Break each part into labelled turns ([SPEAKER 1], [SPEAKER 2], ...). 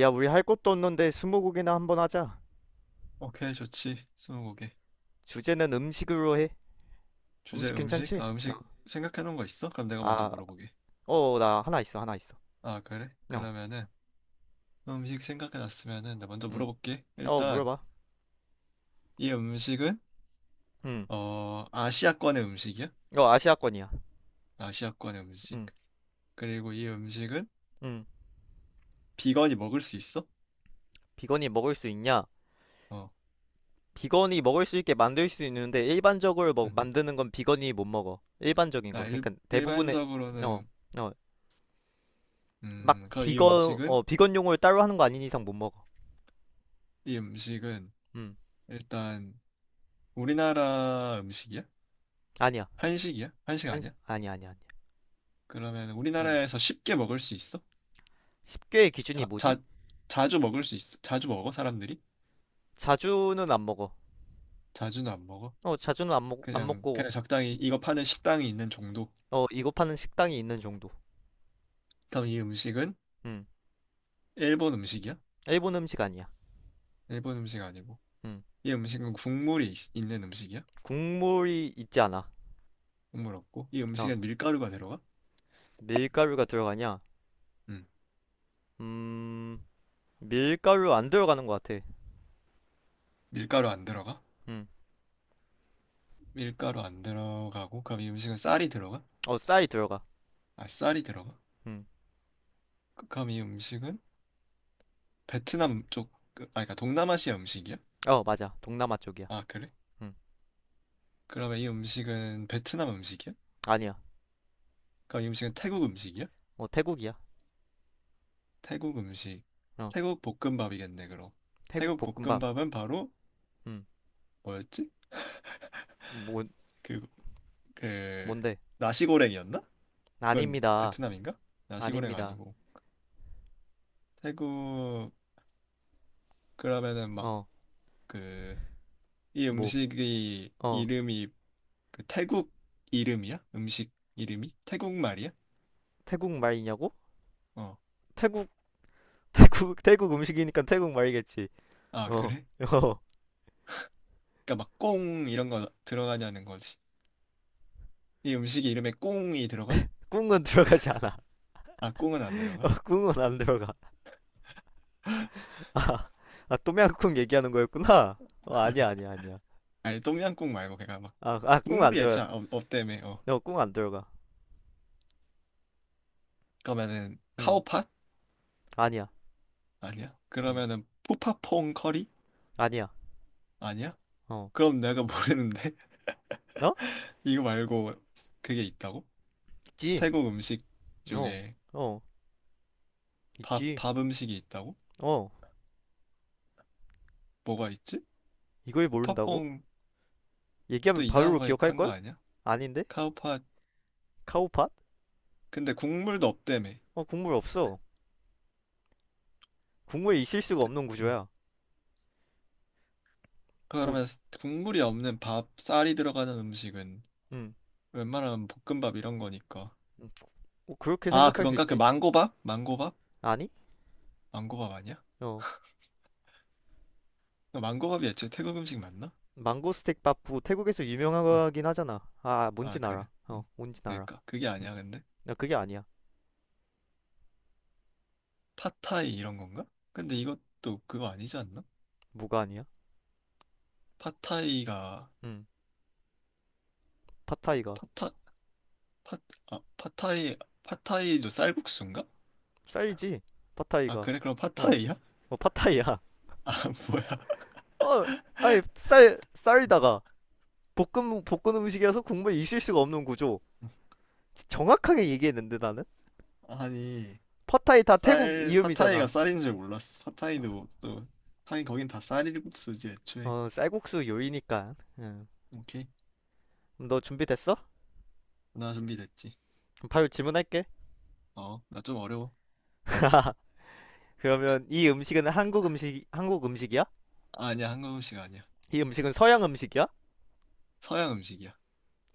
[SPEAKER 1] 야, 우리 할 것도 없는데 스무고개나 한번 하자.
[SPEAKER 2] 오케이, 좋지. 스무고개.
[SPEAKER 1] 주제는 음식으로 해.
[SPEAKER 2] 주제
[SPEAKER 1] 음식
[SPEAKER 2] 음식?
[SPEAKER 1] 괜찮지?
[SPEAKER 2] 아,
[SPEAKER 1] 어.
[SPEAKER 2] 음식 생각해 놓은 거 있어? 그럼 내가 먼저
[SPEAKER 1] 아,
[SPEAKER 2] 물어보게.
[SPEAKER 1] 어, 나 하나 있어, 하나 있어.
[SPEAKER 2] 아, 그래?
[SPEAKER 1] 어,
[SPEAKER 2] 그러면은 음식 생각해 놨으면은 나 먼저
[SPEAKER 1] 응.
[SPEAKER 2] 물어볼게.
[SPEAKER 1] 어,
[SPEAKER 2] 일단
[SPEAKER 1] 물어봐.
[SPEAKER 2] 이 음식은
[SPEAKER 1] 응.
[SPEAKER 2] 아시아권의 음식이야?
[SPEAKER 1] 어, 아시아권이야.
[SPEAKER 2] 아시아권의 음식.
[SPEAKER 1] 응.
[SPEAKER 2] 그리고 이 음식은
[SPEAKER 1] 응.
[SPEAKER 2] 비건이 먹을 수 있어?
[SPEAKER 1] 비건이 먹을 수 있냐?
[SPEAKER 2] 어.
[SPEAKER 1] 비건이 먹을 수 있게 만들 수 있는데 일반적으로
[SPEAKER 2] 음.
[SPEAKER 1] 만드는 건 비건이 못 먹어. 일반적인
[SPEAKER 2] 나
[SPEAKER 1] 거. 그러니까 대부분의. 어,
[SPEAKER 2] 일반적으로는
[SPEAKER 1] 어, 막
[SPEAKER 2] 그럼 이
[SPEAKER 1] 비건
[SPEAKER 2] 음식은
[SPEAKER 1] 어 비건용을 따로 하는 거 아닌 이상 못 먹어.
[SPEAKER 2] 이 음식은
[SPEAKER 1] 음,
[SPEAKER 2] 일단 우리나라 음식이야?
[SPEAKER 1] 아니야.
[SPEAKER 2] 한식이야? 한식
[SPEAKER 1] 아니,
[SPEAKER 2] 아니야?
[SPEAKER 1] 아니야, 아니야, 아니야.
[SPEAKER 2] 그러면
[SPEAKER 1] 음,
[SPEAKER 2] 우리나라에서 쉽게 먹을 수 있어?
[SPEAKER 1] 10개의 기준이
[SPEAKER 2] 자,
[SPEAKER 1] 뭐지?
[SPEAKER 2] 자, 자주 먹을 수 있어? 자주 먹어? 사람들이?
[SPEAKER 1] 자주는 안 먹어.
[SPEAKER 2] 자주는 안 먹어?
[SPEAKER 1] 어, 자주는 안
[SPEAKER 2] 그냥,
[SPEAKER 1] 먹고,
[SPEAKER 2] 그냥 적당히 이거 파는 식당이 있는 정도?
[SPEAKER 1] 어, 이거 파는 식당이 있는 정도.
[SPEAKER 2] 그럼 이 음식은
[SPEAKER 1] 음,
[SPEAKER 2] 일본 음식이야?
[SPEAKER 1] 일본 음식 아니야.
[SPEAKER 2] 일본 음식 아니고.
[SPEAKER 1] 음,
[SPEAKER 2] 이 음식은 국물이 있는 음식이야?
[SPEAKER 1] 국물이 있지 않아.
[SPEAKER 2] 국물 없고. 이
[SPEAKER 1] 어,
[SPEAKER 2] 음식엔 밀가루가 들어가?
[SPEAKER 1] 밀가루가 들어가냐?
[SPEAKER 2] 음.
[SPEAKER 1] 음, 밀가루 안 들어가는 것 같아.
[SPEAKER 2] 밀가루 안 들어가?
[SPEAKER 1] 음,
[SPEAKER 2] 밀가루 안 들어가고. 그럼 이 음식은 쌀이 들어가?
[SPEAKER 1] 어, 쌀이 들어가.
[SPEAKER 2] 아, 쌀이 들어가?
[SPEAKER 1] 음,
[SPEAKER 2] 그럼 이 음식은 베트남 쪽, 아, 그러니까 동남아시아 음식이야?
[SPEAKER 1] 어, 맞아. 동남아 쪽이야.
[SPEAKER 2] 아, 그래?
[SPEAKER 1] 음,
[SPEAKER 2] 그러면 이 음식은 베트남 음식이야?
[SPEAKER 1] 아니야.
[SPEAKER 2] 그럼 이 음식은 태국 음식이야?
[SPEAKER 1] 어, 태국이야.
[SPEAKER 2] 태국 음식.
[SPEAKER 1] 어,
[SPEAKER 2] 태국 볶음밥이겠네, 그럼.
[SPEAKER 1] 태국
[SPEAKER 2] 태국
[SPEAKER 1] 볶음밥.
[SPEAKER 2] 볶음밥은 바로
[SPEAKER 1] 음,
[SPEAKER 2] 뭐였지?
[SPEAKER 1] 뭐,
[SPEAKER 2] 그, 그,
[SPEAKER 1] 뭔데?
[SPEAKER 2] 나시고랭이었나? 그건
[SPEAKER 1] 아닙니다.
[SPEAKER 2] 베트남인가? 나시고랭
[SPEAKER 1] 아닙니다.
[SPEAKER 2] 아니고. 태국, 그러면은 막
[SPEAKER 1] 어,
[SPEAKER 2] 그, 이
[SPEAKER 1] 뭐,
[SPEAKER 2] 음식이
[SPEAKER 1] 어,
[SPEAKER 2] 이름이 그 태국 이름이야? 음식 이름이? 태국 말이야?
[SPEAKER 1] 태국 말이냐고?
[SPEAKER 2] 어.
[SPEAKER 1] 태국, 태국 음식이니까 태국 말이겠지.
[SPEAKER 2] 아,
[SPEAKER 1] 어,
[SPEAKER 2] 그래?
[SPEAKER 1] 어.
[SPEAKER 2] 그러니까 막 꽁 이런 거 들어가냐는 거지. 이 음식 이름에 꽁이 들어가?
[SPEAKER 1] 꿍은 들어가지 않아.
[SPEAKER 2] 아, 꽁은 안
[SPEAKER 1] 어,
[SPEAKER 2] 들어가?
[SPEAKER 1] 꿍은 안 들어가. 아, 아 또미앙꿍 얘기하는 거였구나. 어, 아니야, 아니야, 아니야.
[SPEAKER 2] 아니 똠양꿍 말고 걔가 막
[SPEAKER 1] 꿍 안
[SPEAKER 2] 국물이
[SPEAKER 1] 들어가.
[SPEAKER 2] 애초에 없다며 어
[SPEAKER 1] 어, 꿍안 들어가.
[SPEAKER 2] 그러면은
[SPEAKER 1] 음,
[SPEAKER 2] 카오팟
[SPEAKER 1] 아니야.
[SPEAKER 2] 아니야
[SPEAKER 1] 음,
[SPEAKER 2] 그러면은 푸파퐁 커리
[SPEAKER 1] 아니야.
[SPEAKER 2] 아니야
[SPEAKER 1] 어,
[SPEAKER 2] 그럼 내가 모르는데
[SPEAKER 1] 어?
[SPEAKER 2] 이거 말고 그게 있다고
[SPEAKER 1] 있지.
[SPEAKER 2] 태국 음식
[SPEAKER 1] 어,
[SPEAKER 2] 중에
[SPEAKER 1] 어,
[SPEAKER 2] 밥
[SPEAKER 1] 있지.
[SPEAKER 2] 밥 음식이 있다고
[SPEAKER 1] 어,
[SPEAKER 2] 뭐가 있지
[SPEAKER 1] 이걸 모른다고?
[SPEAKER 2] 푸파퐁 또
[SPEAKER 1] 얘기하면
[SPEAKER 2] 이상한
[SPEAKER 1] 바로
[SPEAKER 2] 거 한 거
[SPEAKER 1] 기억할걸?
[SPEAKER 2] 아니야
[SPEAKER 1] 아닌데?
[SPEAKER 2] 카오팟
[SPEAKER 1] 카오팟?
[SPEAKER 2] 근데 국물도 없다며
[SPEAKER 1] 어, 국물 없어. 국물에 있을 수가
[SPEAKER 2] 태-
[SPEAKER 1] 없는
[SPEAKER 2] 음.
[SPEAKER 1] 구조야. 뭐,
[SPEAKER 2] 그러면 국물이 없는 밥 쌀이 들어가는 음식은
[SPEAKER 1] 음,
[SPEAKER 2] 웬만하면 볶음밥 이런 거니까
[SPEAKER 1] 음, 뭐 그렇게
[SPEAKER 2] 아
[SPEAKER 1] 생각할 수
[SPEAKER 2] 그건가 그
[SPEAKER 1] 있지.
[SPEAKER 2] 망고밥 망고밥
[SPEAKER 1] 아니?
[SPEAKER 2] 망고밥 아니야?
[SPEAKER 1] 어,
[SPEAKER 2] 너 망고밥이 애초에 태국 음식 맞나?
[SPEAKER 1] 망고 스틱 밥부 태국에서
[SPEAKER 2] 응.
[SPEAKER 1] 유명하긴 하잖아. 아,
[SPEAKER 2] 아
[SPEAKER 1] 뭔진
[SPEAKER 2] 그래.
[SPEAKER 1] 알아. 어,
[SPEAKER 2] 응.
[SPEAKER 1] 뭔진 알아.
[SPEAKER 2] 그러니까 그게
[SPEAKER 1] 음.
[SPEAKER 2] 아니야 근데
[SPEAKER 1] 야, 그게 아니야.
[SPEAKER 2] 팟타이 이런 건가? 근데 이것도 그거 아니지 않나?
[SPEAKER 1] 뭐가 아니야?
[SPEAKER 2] 팟타이가
[SPEAKER 1] 음. 팟타이가
[SPEAKER 2] 팟타 팟 아, 팟타이 팟타이도 쌀국수인가?
[SPEAKER 1] 쌀이지.
[SPEAKER 2] 아
[SPEAKER 1] 팟타이가.
[SPEAKER 2] 그래 그럼
[SPEAKER 1] 어,
[SPEAKER 2] 팟타이야?
[SPEAKER 1] 어, 팟타이야.
[SPEAKER 2] 아 뭐야?
[SPEAKER 1] 어, 아니 쌀 쌀이다가 볶음 볶은 음식이라서 국물에 있을 수가 없는 구조. 정확하게 얘기했는데 나는
[SPEAKER 2] 아니
[SPEAKER 1] 팟타이 다 태국
[SPEAKER 2] 쌀 팟타이가
[SPEAKER 1] 이음이잖아.
[SPEAKER 2] 쌀인 줄 몰랐어. 팟타이도 또 하긴 거긴 다 쌀국수지 애초에.
[SPEAKER 1] 어, 쌀국수 요리니까. 음.
[SPEAKER 2] 오케이.
[SPEAKER 1] 너 준비됐어?
[SPEAKER 2] 나 준비됐지.
[SPEAKER 1] 그럼 바로 질문할게.
[SPEAKER 2] 어, 나 좀 어려워.
[SPEAKER 1] 그러면 이 음식은 한국 음식이야?
[SPEAKER 2] 아, 아니야 한국 음식 아니야.
[SPEAKER 1] 이 음식은 서양 음식이야?
[SPEAKER 2] 서양 음식이야.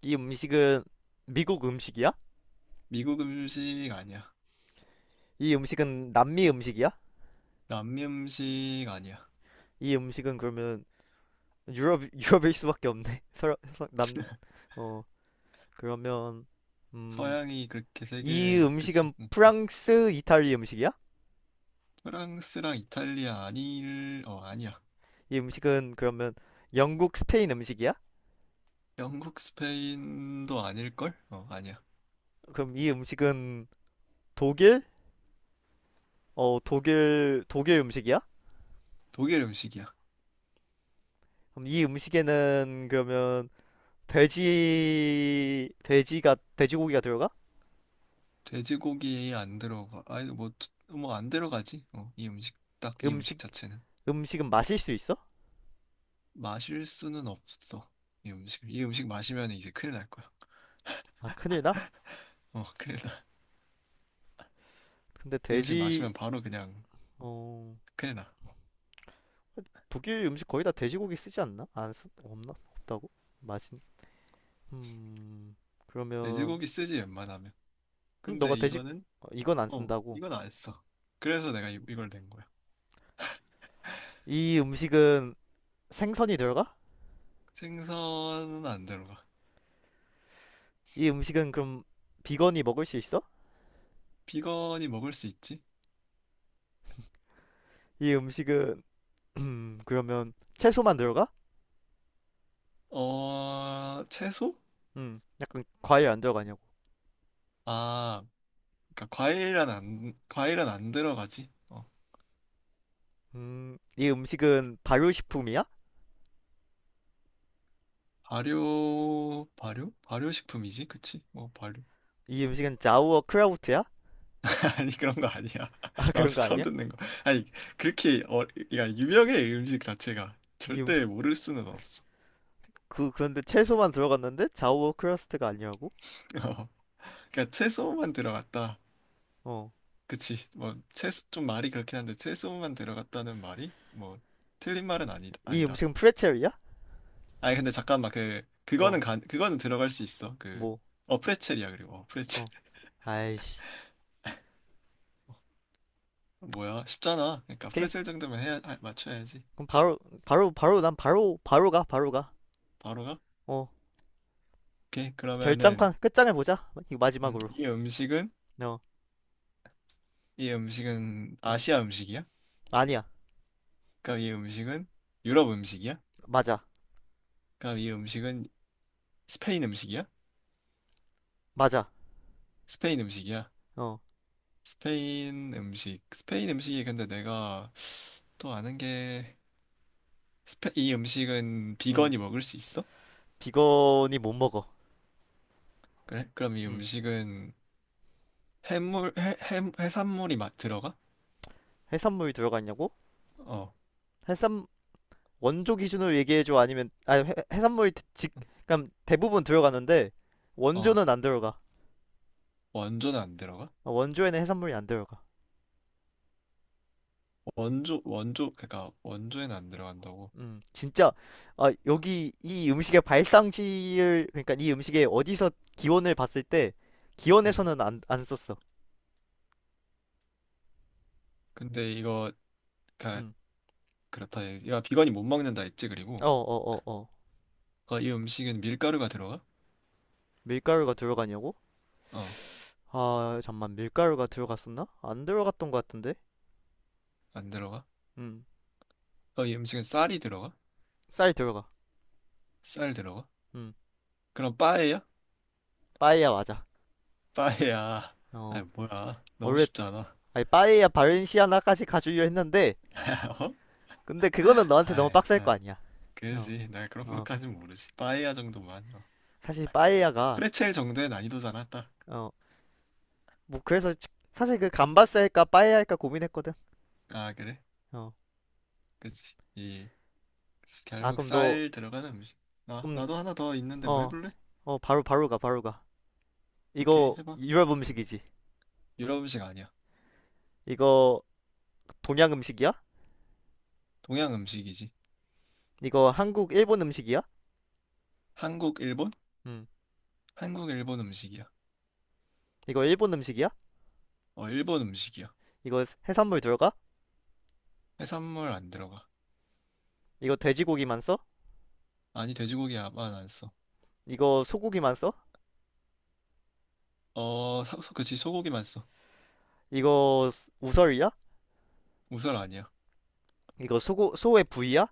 [SPEAKER 1] 이 음식은 미국 음식이야?
[SPEAKER 2] 미국 음식 아니야.
[SPEAKER 1] 이 음식은 남미 음식이야?
[SPEAKER 2] 남미 음식 아니야.
[SPEAKER 1] 이 음식은 그러면 유럽. 유럽일 수밖에 없네. 서로. 남어. 그러면. 음
[SPEAKER 2] 서양이 그렇게
[SPEAKER 1] 이
[SPEAKER 2] 세계 그치?
[SPEAKER 1] 음식은
[SPEAKER 2] 응, 응.
[SPEAKER 1] 프랑스 이탈리 음식이야?
[SPEAKER 2] 프랑스랑 이탈리아 아닐 어 아니야.
[SPEAKER 1] 이 음식은 그러면 영국 스페인 음식이야?
[SPEAKER 2] 영국 스페인도 아닐걸? 어 아니야.
[SPEAKER 1] 그럼 이 음식은 독일 어 독일 독일 음식이야?
[SPEAKER 2] 독일 음식이야.
[SPEAKER 1] 그럼 이 음식에는 그러면 돼지고기가 들어가?
[SPEAKER 2] 돼지고기 안 들어가. 아니 뭐 뭐 안 들어가지? 어 이 음식 딱 이 음식
[SPEAKER 1] 음식
[SPEAKER 2] 자체는
[SPEAKER 1] 음식은 마실 수 있어?
[SPEAKER 2] 마실 수는 없어. 이 음식 이 음식 마시면 이제 큰일 날 거야.
[SPEAKER 1] 아, 큰일 나?
[SPEAKER 2] 어 큰일 나.
[SPEAKER 1] 근데
[SPEAKER 2] 이 음식 마시면 바로 그냥
[SPEAKER 1] 어,
[SPEAKER 2] 큰일 나.
[SPEAKER 1] 독일 음식 거의 다 돼지고기 쓰지 않나? 안 쓰, 없나? 없다고? 맛이, 음, 그러면,
[SPEAKER 2] 돼지고기 쓰지 웬만하면.
[SPEAKER 1] 음, 너가
[SPEAKER 2] 근데
[SPEAKER 1] 돼지,
[SPEAKER 2] 이거는
[SPEAKER 1] 어, 이건 안
[SPEAKER 2] 어,
[SPEAKER 1] 쓴다고.
[SPEAKER 2] 이건 안 했어. 그래서 내가 이, 이걸 낸 거야.
[SPEAKER 1] 이 음식은 생선이 들어가?
[SPEAKER 2] 생선은 안 들어가.
[SPEAKER 1] 이 음식은 그럼 비건이 먹을 수 있어?
[SPEAKER 2] 비건이 먹을 수 있지?
[SPEAKER 1] 이 음식은, 그러면 채소만 들어가?
[SPEAKER 2] 어, 채소?
[SPEAKER 1] 약간 과일 안 들어가냐고.
[SPEAKER 2] 아, 그러니까 과일은 안, 과일은 안 들어가지. 어,
[SPEAKER 1] 이 음식은 발효식품이야?
[SPEAKER 2] 발효, 발효? 발효식품이지? 그치? 뭐, 발효.
[SPEAKER 1] 이 음식은 자우어 크라우트야?
[SPEAKER 2] 아니, 그런 거 아니야.
[SPEAKER 1] 아,
[SPEAKER 2] 나도
[SPEAKER 1] 그런 거
[SPEAKER 2] 처음
[SPEAKER 1] 아니야?
[SPEAKER 2] 듣는 거. 아니, 그렇게, 어, 그러니까 유명해, 음식 자체가.
[SPEAKER 1] 이
[SPEAKER 2] 절대 모를 수는 없어.
[SPEAKER 1] 그 그런데 채소만 들어갔는데 좌우 크러스트가 아니라고?
[SPEAKER 2] 어, 그러니까 채소만 들어갔다.
[SPEAKER 1] 어.
[SPEAKER 2] 그치. 뭐, 최소, 좀 말이 그렇긴 한데, 최소만 들어갔다는 말이, 뭐, 틀린 말은
[SPEAKER 1] 이
[SPEAKER 2] 아니다.
[SPEAKER 1] 음식은 프레첼이야?
[SPEAKER 2] 아니, 근데 잠깐만, 그, 그거는
[SPEAKER 1] 어.
[SPEAKER 2] 간, 그거는 들어갈 수 있어. 그,
[SPEAKER 1] 뭐.
[SPEAKER 2] 어, 프레첼이야, 그리고. 어, 프레첼.
[SPEAKER 1] 어. 아이씨.
[SPEAKER 2] 뭐야, 쉽잖아. 그러니까,
[SPEAKER 1] 오케이.
[SPEAKER 2] 프레첼 정도면 해야, 아, 맞춰야지.
[SPEAKER 1] 그럼 바로. 난 바로 가. 바로 가.
[SPEAKER 2] 바로 가?
[SPEAKER 1] 어.
[SPEAKER 2] 오케이. 그러면은,
[SPEAKER 1] 결장판 끝장을 보자. 이거 마지막으로.
[SPEAKER 2] 이 음식은,
[SPEAKER 1] 어.
[SPEAKER 2] 이 음식은
[SPEAKER 1] 음.
[SPEAKER 2] 아시아 음식이야?
[SPEAKER 1] 아니야.
[SPEAKER 2] 그럼 이 음식은 유럽 음식이야?
[SPEAKER 1] 맞아.
[SPEAKER 2] 그럼 이 음식은 스페인 음식이야?
[SPEAKER 1] 맞아.
[SPEAKER 2] 스페인 음식이야?
[SPEAKER 1] 어.
[SPEAKER 2] 스페인 음식. 스페인 음식이 근데 내가 또 아는 게, 스페, 이 음식은
[SPEAKER 1] 음.
[SPEAKER 2] 비건이 먹을 수 있어?
[SPEAKER 1] 비건이 못 먹어.
[SPEAKER 2] 그래? 그럼 이
[SPEAKER 1] 음.
[SPEAKER 2] 음식은 해물, 해, 해산물이 막 들어가?
[SPEAKER 1] 해산물이 들어가 있냐고?
[SPEAKER 2] 어,
[SPEAKER 1] 해산 원조 기준으로 얘기해 줘. 아니면 아니 해산물이 즉그럼니까 대부분 들어가는데
[SPEAKER 2] 어.
[SPEAKER 1] 원조는 안 들어가.
[SPEAKER 2] 원조는 안 들어가?
[SPEAKER 1] 어, 원조에는 해산물이 안 들어가.
[SPEAKER 2] 원조, 원조, 그러니까 원조에는 안 들어간다고.
[SPEAKER 1] 진짜 아, 여기 이 음식의 발상지를 그러니까 이 음식의 어디서 기원을 봤을 때
[SPEAKER 2] 음.
[SPEAKER 1] 기원에서는 안 썼어.
[SPEAKER 2] 근데 이거, 그러니까
[SPEAKER 1] 음.
[SPEAKER 2] 그렇다. 야, 비건이 못 먹는다 했지,
[SPEAKER 1] 어,
[SPEAKER 2] 그리고.
[SPEAKER 1] 어, 어, 어.
[SPEAKER 2] 어, 이 음식은 밀가루가 들어가?
[SPEAKER 1] 밀가루가 들어가냐고?
[SPEAKER 2] 어,
[SPEAKER 1] 아, 잠만 밀가루가 들어갔었나? 안 들어갔던 것 같은데.
[SPEAKER 2] 안 들어가?
[SPEAKER 1] 음.
[SPEAKER 2] 어, 이 음식은 쌀이 들어가?
[SPEAKER 1] 쌀 들어가.
[SPEAKER 2] 쌀 들어가?
[SPEAKER 1] 음.
[SPEAKER 2] 그럼 빠에야?
[SPEAKER 1] 빠에야 맞아.
[SPEAKER 2] 빠이야. 아이,
[SPEAKER 1] 어.
[SPEAKER 2] 뭐야. 너무
[SPEAKER 1] 원래
[SPEAKER 2] 쉽지 않아.
[SPEAKER 1] 아니 빠에야 바렌시아나까지 가주려 했는데
[SPEAKER 2] 어?
[SPEAKER 1] 근데 그거는 너한테 너무
[SPEAKER 2] 아이,
[SPEAKER 1] 빡셀 거
[SPEAKER 2] 아,
[SPEAKER 1] 아니야. 어.
[SPEAKER 2] 그지. 나 그런
[SPEAKER 1] 어.
[SPEAKER 2] 것까진 모르지. 빠이야 정도만. 어.
[SPEAKER 1] 사실 빠에야가
[SPEAKER 2] 프레첼 정도의 난이도잖아, 딱.
[SPEAKER 1] 어 뭐 그래서 사실 그 감바스 할까 빠에야 할까 고민했거든.
[SPEAKER 2] 아, 그래?
[SPEAKER 1] 어.
[SPEAKER 2] 그지. 이,
[SPEAKER 1] 아
[SPEAKER 2] 결국
[SPEAKER 1] 그럼 너
[SPEAKER 2] 쌀 들어가는 음식.
[SPEAKER 1] 그럼.
[SPEAKER 2] 나도 하나 더 있는데 뭐
[SPEAKER 1] 어.
[SPEAKER 2] 해볼래?
[SPEAKER 1] 어 바로 바로 가 바로 가.
[SPEAKER 2] 오케이,
[SPEAKER 1] 이거
[SPEAKER 2] 해봐.
[SPEAKER 1] 유럽
[SPEAKER 2] 응.
[SPEAKER 1] 음식이지.
[SPEAKER 2] 유럽 음식 아니야.
[SPEAKER 1] 이거 동양 음식이야?
[SPEAKER 2] 동양 음식이지.
[SPEAKER 1] 이거 한국 일본 음식이야?
[SPEAKER 2] 한국, 일본?
[SPEAKER 1] 음.
[SPEAKER 2] 한국, 일본 음식이야.
[SPEAKER 1] 이거 일본 음식이야?
[SPEAKER 2] 어, 일본 음식이야.
[SPEAKER 1] 이거 해산물 들어가?
[SPEAKER 2] 해산물 안 들어가.
[SPEAKER 1] 이거 돼지고기만 써?
[SPEAKER 2] 아니, 돼지고기야만 안 써.
[SPEAKER 1] 이거 소고기만 써?
[SPEAKER 2] 어, 사, 그치, 소고기만 써.
[SPEAKER 1] 이거 우설이야?
[SPEAKER 2] 우설 아니야.
[SPEAKER 1] 이거 소고 소의 부위야?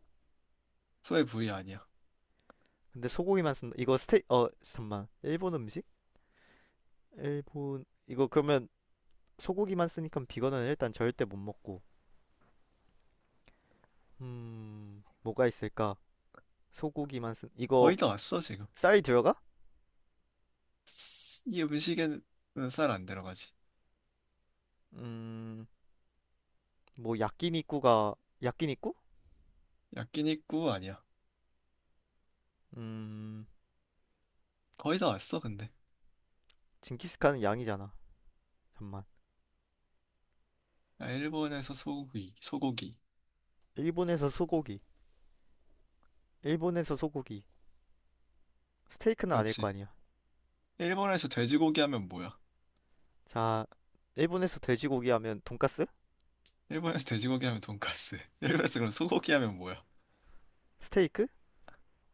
[SPEAKER 2] 소의 부위 아니야.
[SPEAKER 1] 근데 소고기만 쓴다. 이거 스테 어 잠만. 일본 음식? 일본 이거 그러면 소고기만 쓰니까 비건은 일단 절대 못 먹고. 뭐가 있을까? 소고기만 쓴
[SPEAKER 2] 거의
[SPEAKER 1] 이거
[SPEAKER 2] 다 왔어, 지금.
[SPEAKER 1] 쌀 들어가?
[SPEAKER 2] 이 음식에는 쌀 안 들어가지.
[SPEAKER 1] 음, 뭐 야끼니쿠가 야끼니쿠?
[SPEAKER 2] 야끼니꾸 아니야.
[SPEAKER 1] 음,
[SPEAKER 2] 거의 다 왔어, 근데.
[SPEAKER 1] 징기스칸은 양이잖아. 잠만.
[SPEAKER 2] 야, 일본에서 소고기, 소고기.
[SPEAKER 1] 일본에서 소고기. 일본에서 소고기. 스테이크는 아닐 거
[SPEAKER 2] 그렇지.
[SPEAKER 1] 아니야.
[SPEAKER 2] 일본에서 돼지고기 하면 뭐야?
[SPEAKER 1] 자, 일본에서 돼지고기 하면 돈까스?
[SPEAKER 2] 일본에서 돼지고기 하면 돈까스. 일본에서 그럼 소고기 하면 뭐야?
[SPEAKER 1] 스테이크?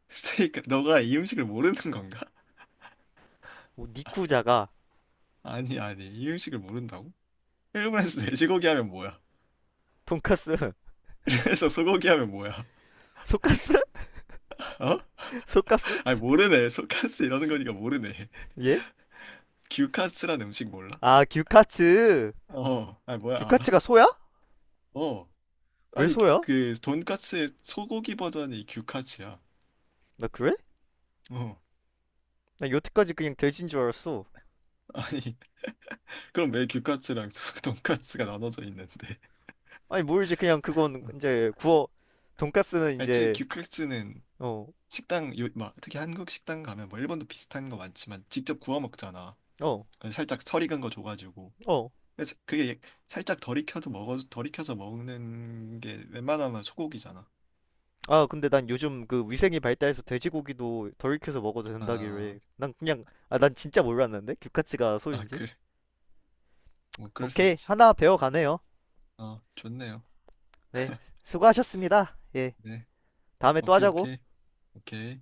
[SPEAKER 2] 스테이크. 너가 이 음식을 모르는 건가?
[SPEAKER 1] 뭐 니쿠자가
[SPEAKER 2] 아니, 아니. 이 음식을 모른다고? 일본에서 돼지고기 하면 뭐야?
[SPEAKER 1] 돈까스?
[SPEAKER 2] 그래서 소고기 하면 뭐야?
[SPEAKER 1] 소까스?
[SPEAKER 2] 어?
[SPEAKER 1] 소까스?
[SPEAKER 2] 아니, 모르네. 소카스 이러는 거니까 모르네.
[SPEAKER 1] 예?
[SPEAKER 2] 규카스란 음식 몰라?
[SPEAKER 1] 아, 규카츠.
[SPEAKER 2] 어, 아니, 뭐야, 알아?
[SPEAKER 1] 규카츠가 소야?
[SPEAKER 2] 어,
[SPEAKER 1] 왜
[SPEAKER 2] 아니
[SPEAKER 1] 소야?
[SPEAKER 2] 그 돈까스의 소고기 버전이 규카츠야.
[SPEAKER 1] 나 그래?
[SPEAKER 2] 어,
[SPEAKER 1] 나 여태까지 그냥 돼지인 줄 알았어.
[SPEAKER 2] 아니 그럼 왜 규카츠랑 돈까스가 나눠져 있는데?
[SPEAKER 1] 아니 모르지 그냥 그건
[SPEAKER 2] 어.
[SPEAKER 1] 이제 구워. 돈까스는
[SPEAKER 2] 애초에
[SPEAKER 1] 이제.
[SPEAKER 2] 규카츠는
[SPEAKER 1] 어.
[SPEAKER 2] 식당 요, 막 특히 한국 식당 가면 뭐 일본도 비슷한 거 많지만 직접 구워 먹잖아.
[SPEAKER 1] 어.
[SPEAKER 2] 그래서 살짝 설 익은 거 줘가지고.
[SPEAKER 1] 어.
[SPEAKER 2] 그래서 그게 살짝 덜 익혀도 먹어도 덜 익혀서 먹는 게 웬만하면 소고기잖아.
[SPEAKER 1] 아 근데 난 요즘 그 위생이 발달해서 돼지고기도 덜 익혀서 먹어도
[SPEAKER 2] 아,
[SPEAKER 1] 된다길래 난 그냥. 아 난 진짜 몰랐는데 규카츠가
[SPEAKER 2] 아
[SPEAKER 1] 소인지.
[SPEAKER 2] 그래, 뭐 그럴 수
[SPEAKER 1] 오케이
[SPEAKER 2] 있지.
[SPEAKER 1] 하나 배워가네요.
[SPEAKER 2] 어, 좋네요.
[SPEAKER 1] 네. 수고하셨습니다. 예.
[SPEAKER 2] 네,
[SPEAKER 1] 다음에 또
[SPEAKER 2] 오케이
[SPEAKER 1] 하자고.
[SPEAKER 2] 오케이 오케이.